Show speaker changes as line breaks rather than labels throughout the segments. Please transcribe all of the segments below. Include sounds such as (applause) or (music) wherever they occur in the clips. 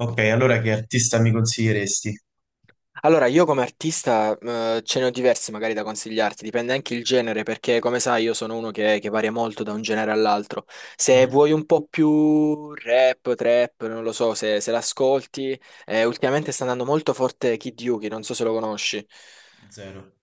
Ok, allora che artista mi consiglieresti?
Allora, io come artista, ce ne ho diversi magari da consigliarti, dipende anche il genere, perché come sai io sono uno che varia molto da un genere all'altro. Se
Mhm.
vuoi un po' più rap, trap, non lo so, se l'ascolti, ultimamente sta andando molto forte Kid Yuki, non so se lo conosci.
Zero.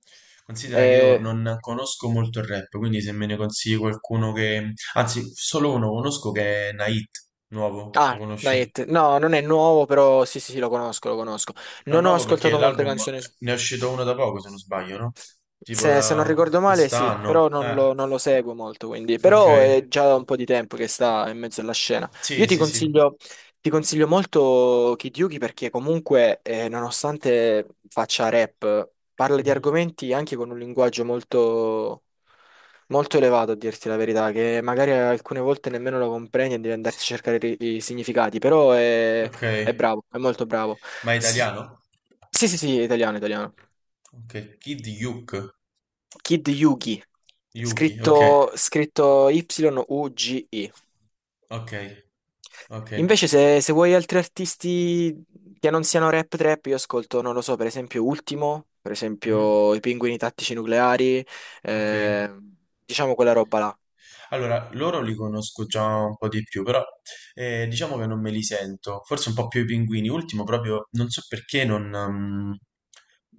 Considera che io
Eh,
non conosco molto il rap, quindi se me ne consigli qualcuno che... Anzi, solo uno conosco che è Nait, nuovo, lo conosci?
Night, no, non è nuovo, però sì, sì, sì, lo conosco, lo conosco.
No,
Non ho
nuovo perché
ascoltato molte
l'album
canzoni.
ne è uscito uno da poco, se non sbaglio, no? Tipo
Se non
da
ricordo male, sì,
quest'anno.
però non lo seguo molto, quindi.
Ok.
Però è già da un po' di tempo che sta in mezzo alla scena. Io
Sì,
ti
sì, sì.
consiglio, ti consiglio molto Kid Yuki perché comunque, nonostante faccia rap, parla di
Mhm.
argomenti anche con un linguaggio molto elevato, a dirti la verità, che magari alcune volte nemmeno lo comprendi e devi andarti a cercare i significati,
Ok.
è bravo, è molto bravo.
Ma è
Sì,
italiano?
sì, sì, sì, italiano, italiano.
Ok, Kid Yuke.
Kid Yugi,
Yuki, ok,
scritto Y-U-G-I.
ok, ok.
Invece se vuoi altri artisti che non siano rap trap, io ascolto, non lo so, per esempio Ultimo, per
Mhm.
esempio i Pinguini Tattici Nucleari,
Ok,
eh, diciamo quella roba là.
allora loro li conosco già un po' di più, però diciamo che non me li sento, forse un po' più i pinguini. Ultimo, proprio non so perché, non,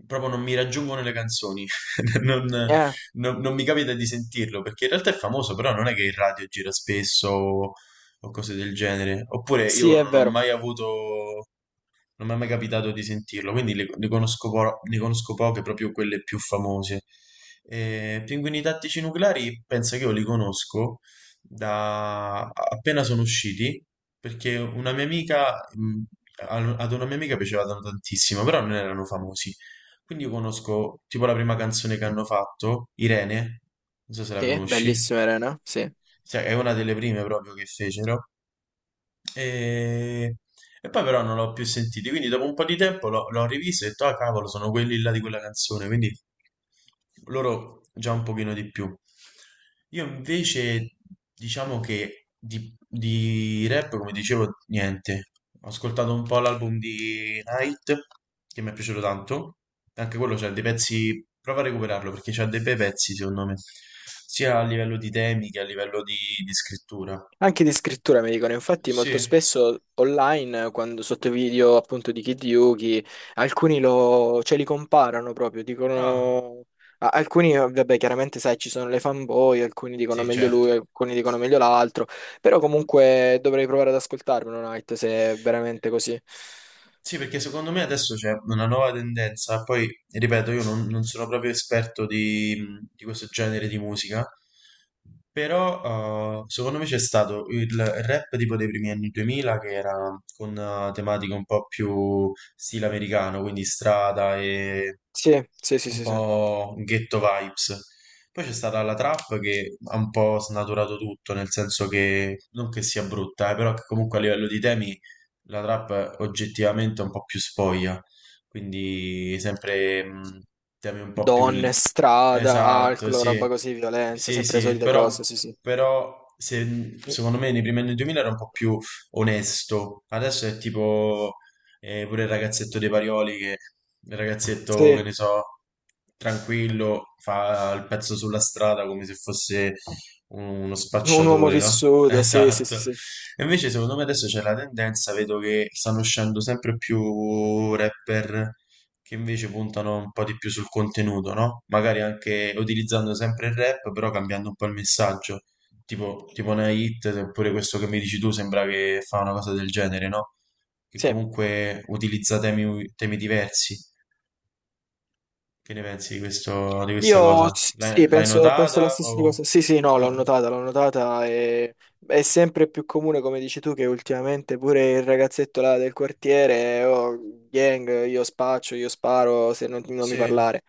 proprio non mi raggiungono le canzoni, (laughs) non,
Eh,
non mi capita di sentirlo perché in realtà è famoso, però non è che il radio gira spesso o cose del genere. Oppure
sì,
io
è
non ho
vero.
mai avuto. Non mi è mai capitato di sentirlo, quindi ne conosco, ne conosco poche, proprio quelle più famose. Pinguini tattici nucleari penso che io li conosco da appena sono usciti, perché una mia amica, ad una mia amica piacevano tantissimo, però non erano famosi. Quindi io conosco tipo la prima canzone che hanno fatto, Irene, non so se la
Sì,
conosci.
bellissima Elena, sì.
Cioè, è una delle prime proprio che fecero. E, e poi però non l'ho più sentito, quindi dopo un po' di tempo l'ho rivisto e ho detto, ah cavolo, sono quelli là di quella canzone, quindi loro già un pochino di più. Io invece diciamo che di rap, come dicevo, niente. Ho ascoltato un po' l'album di Night, che mi è piaciuto tanto. Anche quello c'ha dei pezzi, prova a recuperarlo perché c'ha dei bei pezzi secondo me, sia a livello di temi che a livello di scrittura.
Anche di scrittura mi dicono, infatti
Sì,
molto spesso online, quando sotto video appunto di Kid Yuki, alcuni cioè, li comparano proprio,
ah,
dicono... Alcuni, vabbè, chiaramente sai, ci sono le fanboy, alcuni dicono
sì,
meglio
certo.
lui, alcuni dicono meglio l'altro, però comunque dovrei provare ad ascoltarmelo, Night, se è veramente così.
Sì, perché secondo me adesso c'è una nuova tendenza, poi ripeto, io non, non sono proprio esperto di questo genere di musica, però secondo me c'è stato il rap tipo dei primi anni 2000 che era con tematiche un po' più stile americano, quindi strada e
Sì, sì, sì,
un
sì, sì.
po' ghetto vibes. Poi c'è stata la trap che ha un po' snaturato tutto, nel senso che non che sia brutta, però che comunque a livello di temi la trap è oggettivamente un po' più spoglia, quindi sempre temi un po' più...
Donne, strada,
Esatto,
alcol,
sì,
roba così, violenza,
sì,
sempre le
sì,
solite
però,
cose, sì, sì.
però secondo me nei primi anni 2000 era un po' più onesto, adesso è tipo pure il ragazzetto dei Parioli, che il ragazzetto, che
Sì,
ne so, tranquillo, fa il pezzo sulla strada come se fosse uno
un uomo
spacciatore, no? (laughs)
vissuto, sì, sì, sì,
Esatto.
sì.
E invece, secondo me adesso c'è la tendenza, vedo che stanno uscendo sempre più rapper che invece puntano un po' di più sul contenuto, no? Magari anche utilizzando sempre il rap, però cambiando un po' il messaggio. Tipo una hit, oppure questo che mi dici tu, sembra che fa una cosa del genere, no? Che
Sì.
comunque utilizza temi, temi diversi. Che ne pensi di questo, di questa cosa? L'hai
Sì,
l'hai
penso la
notata?
stessa
O...
cosa. Sì, sì, no,
Ah,
l'ho notata e è sempre più comune, come dici tu, che ultimamente pure il ragazzetto là del quartiere, oh, gang, io spaccio, io sparo, se non, non mi
sì,
parlare.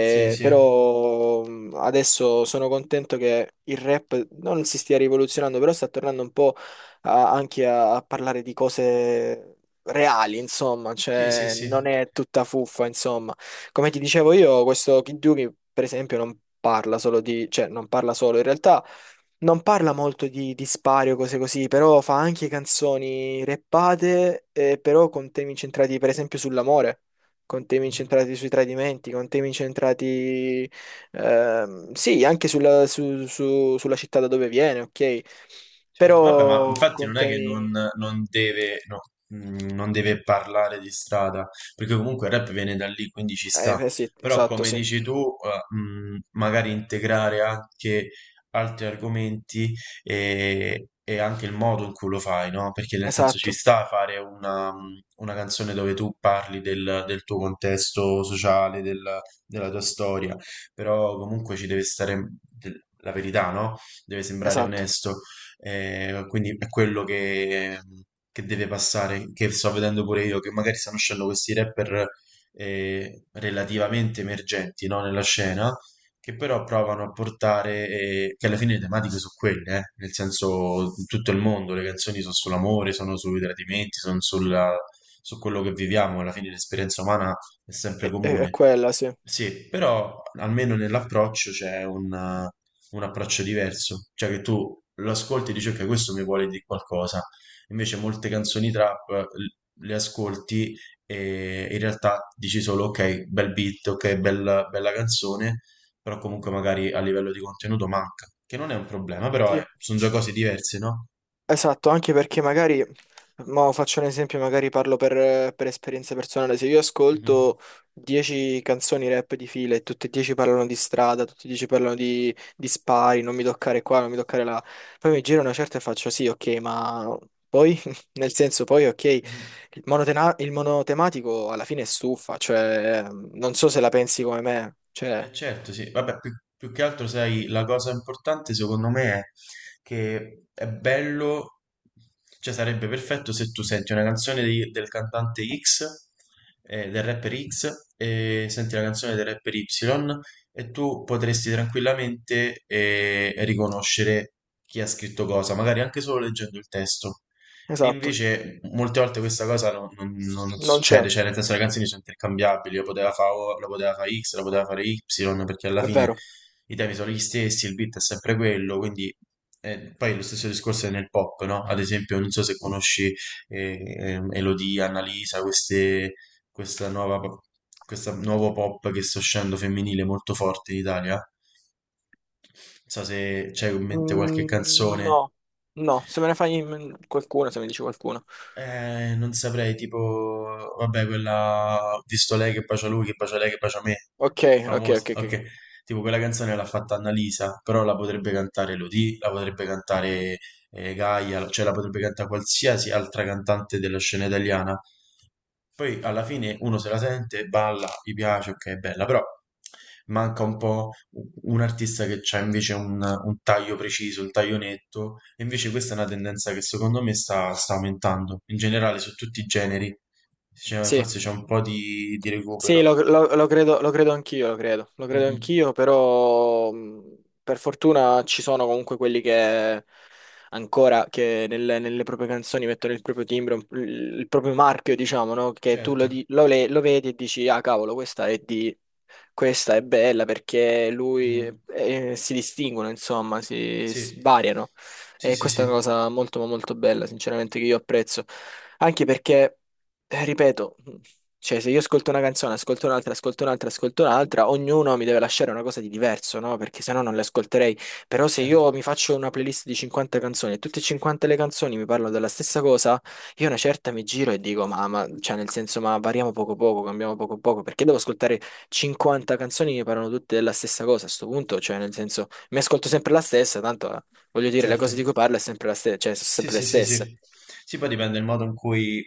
sì, sì.
Però adesso sono contento che il rap non si stia rivoluzionando, però sta tornando un po' a parlare di cose reali, insomma,
Sì, sì,
cioè
sì.
non è tutta fuffa, insomma. Come ti dicevo io, questo Kidduki, per esempio, non parla solo di, cioè non parla solo, in realtà non parla molto di spari o cose così, però fa anche canzoni rappate, però con temi incentrati per esempio sull'amore, con temi
Mhm.
incentrati sui tradimenti, con temi incentrati, sì, anche sulla, sulla città da dove viene, ok?
Certo, vabbè, ma
Però
infatti
con
non è che non,
temi...
non deve, no, non deve parlare di strada, perché comunque il rap viene da lì, quindi ci
Eh,
sta.
eh sì,
Però
esatto,
come
sì,
dici tu, magari integrare anche altri argomenti e anche il modo in cui lo fai, no? Perché nel senso ci
esatto,
sta a fare una canzone dove tu parli del, del tuo contesto sociale, della tua storia, però comunque ci deve stare la verità, no? Deve sembrare
esatto,
onesto. Quindi è quello che deve passare, che sto vedendo pure io, che magari stanno uscendo questi rapper relativamente emergenti, no, nella scena, che però provano a portare, che alla fine le tematiche sono quelle, nel senso in tutto il mondo, le canzoni sono sull'amore, sono sui tradimenti, sono su quello che viviamo, alla fine l'esperienza umana è sempre
è
comune.
quella, sì.
Sì, però almeno nell'approccio c'è un approccio diverso, cioè che tu lo ascolti e dici ok, questo mi vuole dire qualcosa, invece molte canzoni trap le ascolti e in realtà dici solo ok, bel beat, ok, bella, bella canzone, però comunque magari a livello di contenuto manca, che non è un problema, però
Sì.
sono già cose diverse, no?
Esatto, anche perché magari, mo faccio un esempio, magari parlo per esperienza personale, se io
Mhm,
ascolto 10 canzoni rap di fila e tutte e 10 parlano di strada, tutte e 10 parlano di spari, non mi toccare qua, non mi toccare là, poi mi giro una certa e faccio sì, ok, ma poi, (laughs) nel senso, poi ok,
mhm.
il monotematico alla fine è stufa, cioè non so se la pensi come me, cioè,
Eh certo, sì, vabbè, più, più che altro, sai, la cosa importante secondo me è che è bello, cioè sarebbe perfetto se tu senti una canzone del cantante X, del rapper X, e senti la canzone del rapper Y, e tu potresti tranquillamente riconoscere chi ha scritto cosa, magari anche solo leggendo il testo. E
esatto,
invece molte volte questa cosa non
non c'è,
succede, cioè nel senso le canzoni sono intercambiabili, lo poteva fare O, lo poteva fare X, lo poteva fare Y, perché alla
è
fine
vero.
i temi sono gli stessi, il beat è sempre quello, quindi poi lo stesso discorso è nel pop, no? Ad esempio, non so se conosci Elodie, Annalisa, queste, questa nuova, questa nuovo pop che sta uscendo femminile molto forte in Italia, non so se c'hai in mente qualche
Mm,
canzone.
no, no, se me ne fai in- qualcuno, se mi dici qualcuno.
Non saprei, tipo, vabbè, quella ho visto lei che bacia lui, che bacia lei, che bacia me,
Ok, ok,
famosa,
ok, ok.
ok, tipo quella canzone l'ha fatta Annalisa, però la potrebbe cantare Elodie, la potrebbe cantare Gaia, cioè la potrebbe cantare qualsiasi altra cantante della scena italiana, poi alla fine uno se la sente, balla, gli piace, ok, è bella, però manca un po' un artista che c'ha invece un taglio preciso, un taglio netto, e invece questa è una tendenza che secondo me sta, sta aumentando, in generale su tutti i generi.
Sì,
Forse c'è un po' di
sì,
recupero.
lo
Mm,
credo
mm.
anch'io, però per fortuna ci sono comunque quelli che ancora, che nelle proprie canzoni mettono il proprio timbro, il proprio marchio, diciamo, no? Che tu lo,
Certo.
di- lo le- lo vedi e dici, ah cavolo, questa è di Questa è bella perché lui
Mhm.
si distinguono, insomma, si
Sì,
variano.
sì,
E
sì,
questa è una
sì,
cosa molto, ma molto bella, sinceramente, che io apprezzo. Anche perché, ripeto, cioè, se io ascolto una canzone, ascolto un'altra, ascolto un'altra, ascolto un'altra, ognuno mi deve lasciare una cosa di diverso, no? Perché sennò non le ascolterei. Però se
certo.
io mi faccio una playlist di 50 canzoni e tutte e 50 le canzoni mi parlano della stessa cosa, io una certa mi giro e dico, cioè, nel senso, ma variamo poco poco, cambiamo poco poco, perché devo ascoltare 50 canzoni che parlano tutte della stessa cosa a sto punto, cioè nel senso mi ascolto sempre la stessa, tanto voglio dire le
Certo.
cose di cui parla è sempre la stessa, cioè sono
Sì,
sempre le
sì, sì,
stesse.
sì. Sì, poi dipende dal modo in cui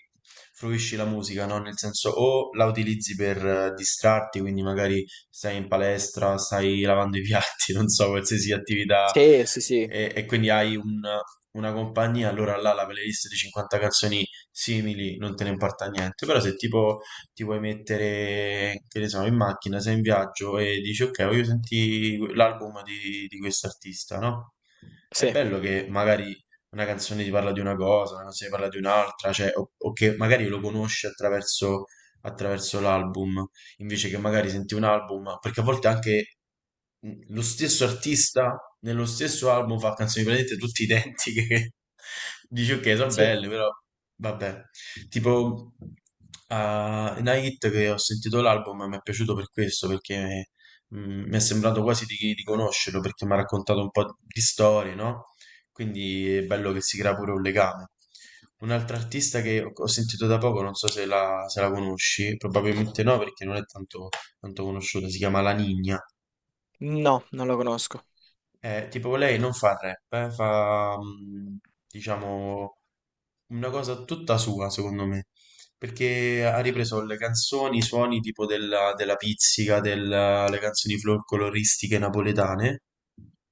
fruisci la musica, no? Nel senso, o la utilizzi per distrarti, quindi magari stai in palestra, stai lavando i piatti, (laughs) non so, qualsiasi attività,
Sì, sì, sì,
e quindi hai un- una compagnia, allora là la playlist di 50 canzoni simili non te ne importa niente. Però se tipo ti vuoi mettere, che ne so, in macchina, sei in viaggio e dici, ok, voglio sentire l'album di quest'artista, no? È
sì,
bello che magari una canzone ti parla di una cosa, una canzone ti parla di un'altra, cioè, o che magari lo conosci attraverso, attraverso l'album, invece che magari senti un album, perché a volte anche lo stesso artista nello stesso album fa canzoni praticamente tutte identiche, (laughs) che dici ok, sono
sì.
belle, però vabbè. Tipo, Night che ho sentito l'album mi è piaciuto per questo, perché mi è sembrato quasi di conoscerlo perché mi ha raccontato un po' di storie, no? Quindi è bello che si crea pure un legame. Un'altra artista che ho sentito da poco, non so se la, se la conosci, probabilmente no perché non è tanto, tanto conosciuta, si chiama La Nina.
No, non lo conosco.
Tipo lei non fa rap, fa mm, diciamo una cosa tutta sua, secondo me, perché ha ripreso le canzoni, i suoni tipo della, della pizzica, delle canzoni folcloristiche napoletane.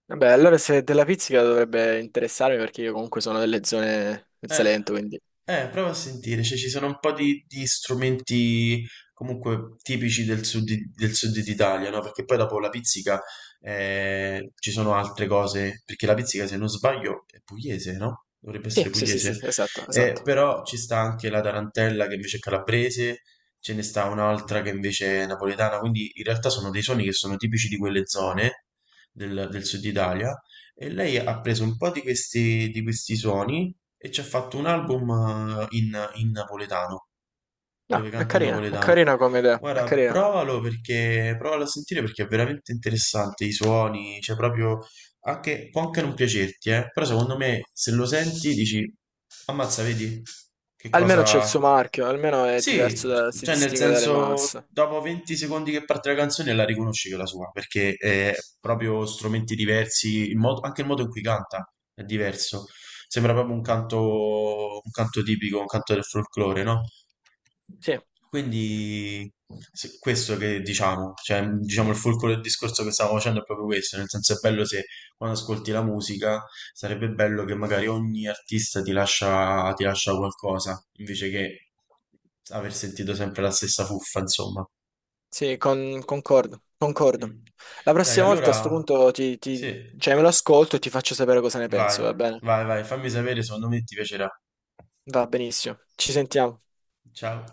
Vabbè, allora se della pizzica dovrebbe interessarmi perché io comunque sono delle zone del
Eh,
Salento, quindi
prova a sentire, cioè, ci sono un po' di strumenti comunque tipici del sud, del sud d'Italia, no? Perché poi dopo la pizzica ci sono altre cose, perché la pizzica, se non sbaglio, è pugliese, no? Dovrebbe
sì,
essere
sì, sì, sì,
pugliese.
sì, esatto, esatto.
Però ci sta anche la tarantella che invece è calabrese, ce ne sta un'altra che invece è napoletana, quindi in realtà sono dei suoni che sono tipici di quelle zone del, del sud Italia e lei ha preso un po' di questi suoni e ci ha fatto un album in, in napoletano,
No,
dove canta in
è
napoletano.
carina come idea, è
Guarda,
carina.
provalo perché, provalo a sentire perché è veramente interessante i suoni, cioè proprio, anche, può anche non piacerti, però secondo me se lo senti dici, Ammazza, vedi che
Almeno c'è il suo
cosa...
marchio, almeno è diverso
Sì,
da, si
cioè nel
distingue dalle
senso,
masse.
dopo 20 secondi che parte la canzone la riconosci che è la sua, perché è proprio strumenti diversi, anche il modo in cui canta è diverso. Sembra proprio un canto tipico, un canto del folklore, no?
Sì.
Quindi questo che diciamo, cioè diciamo il fulcro del discorso che stavo facendo è proprio questo, nel senso è bello se quando ascolti la musica sarebbe bello che magari ogni artista ti lascia qualcosa, invece che aver sentito sempre la stessa fuffa, insomma.
Sì, concordo, concordo.
Mm.
La
Dai,
prossima volta a sto
allora,
punto
sì,
cioè me lo ascolto e ti faccio sapere cosa ne
vai,
penso, va bene?
vai, vai, fammi sapere, secondo me ti piacerà.
Va benissimo. Ci sentiamo.
Ciao.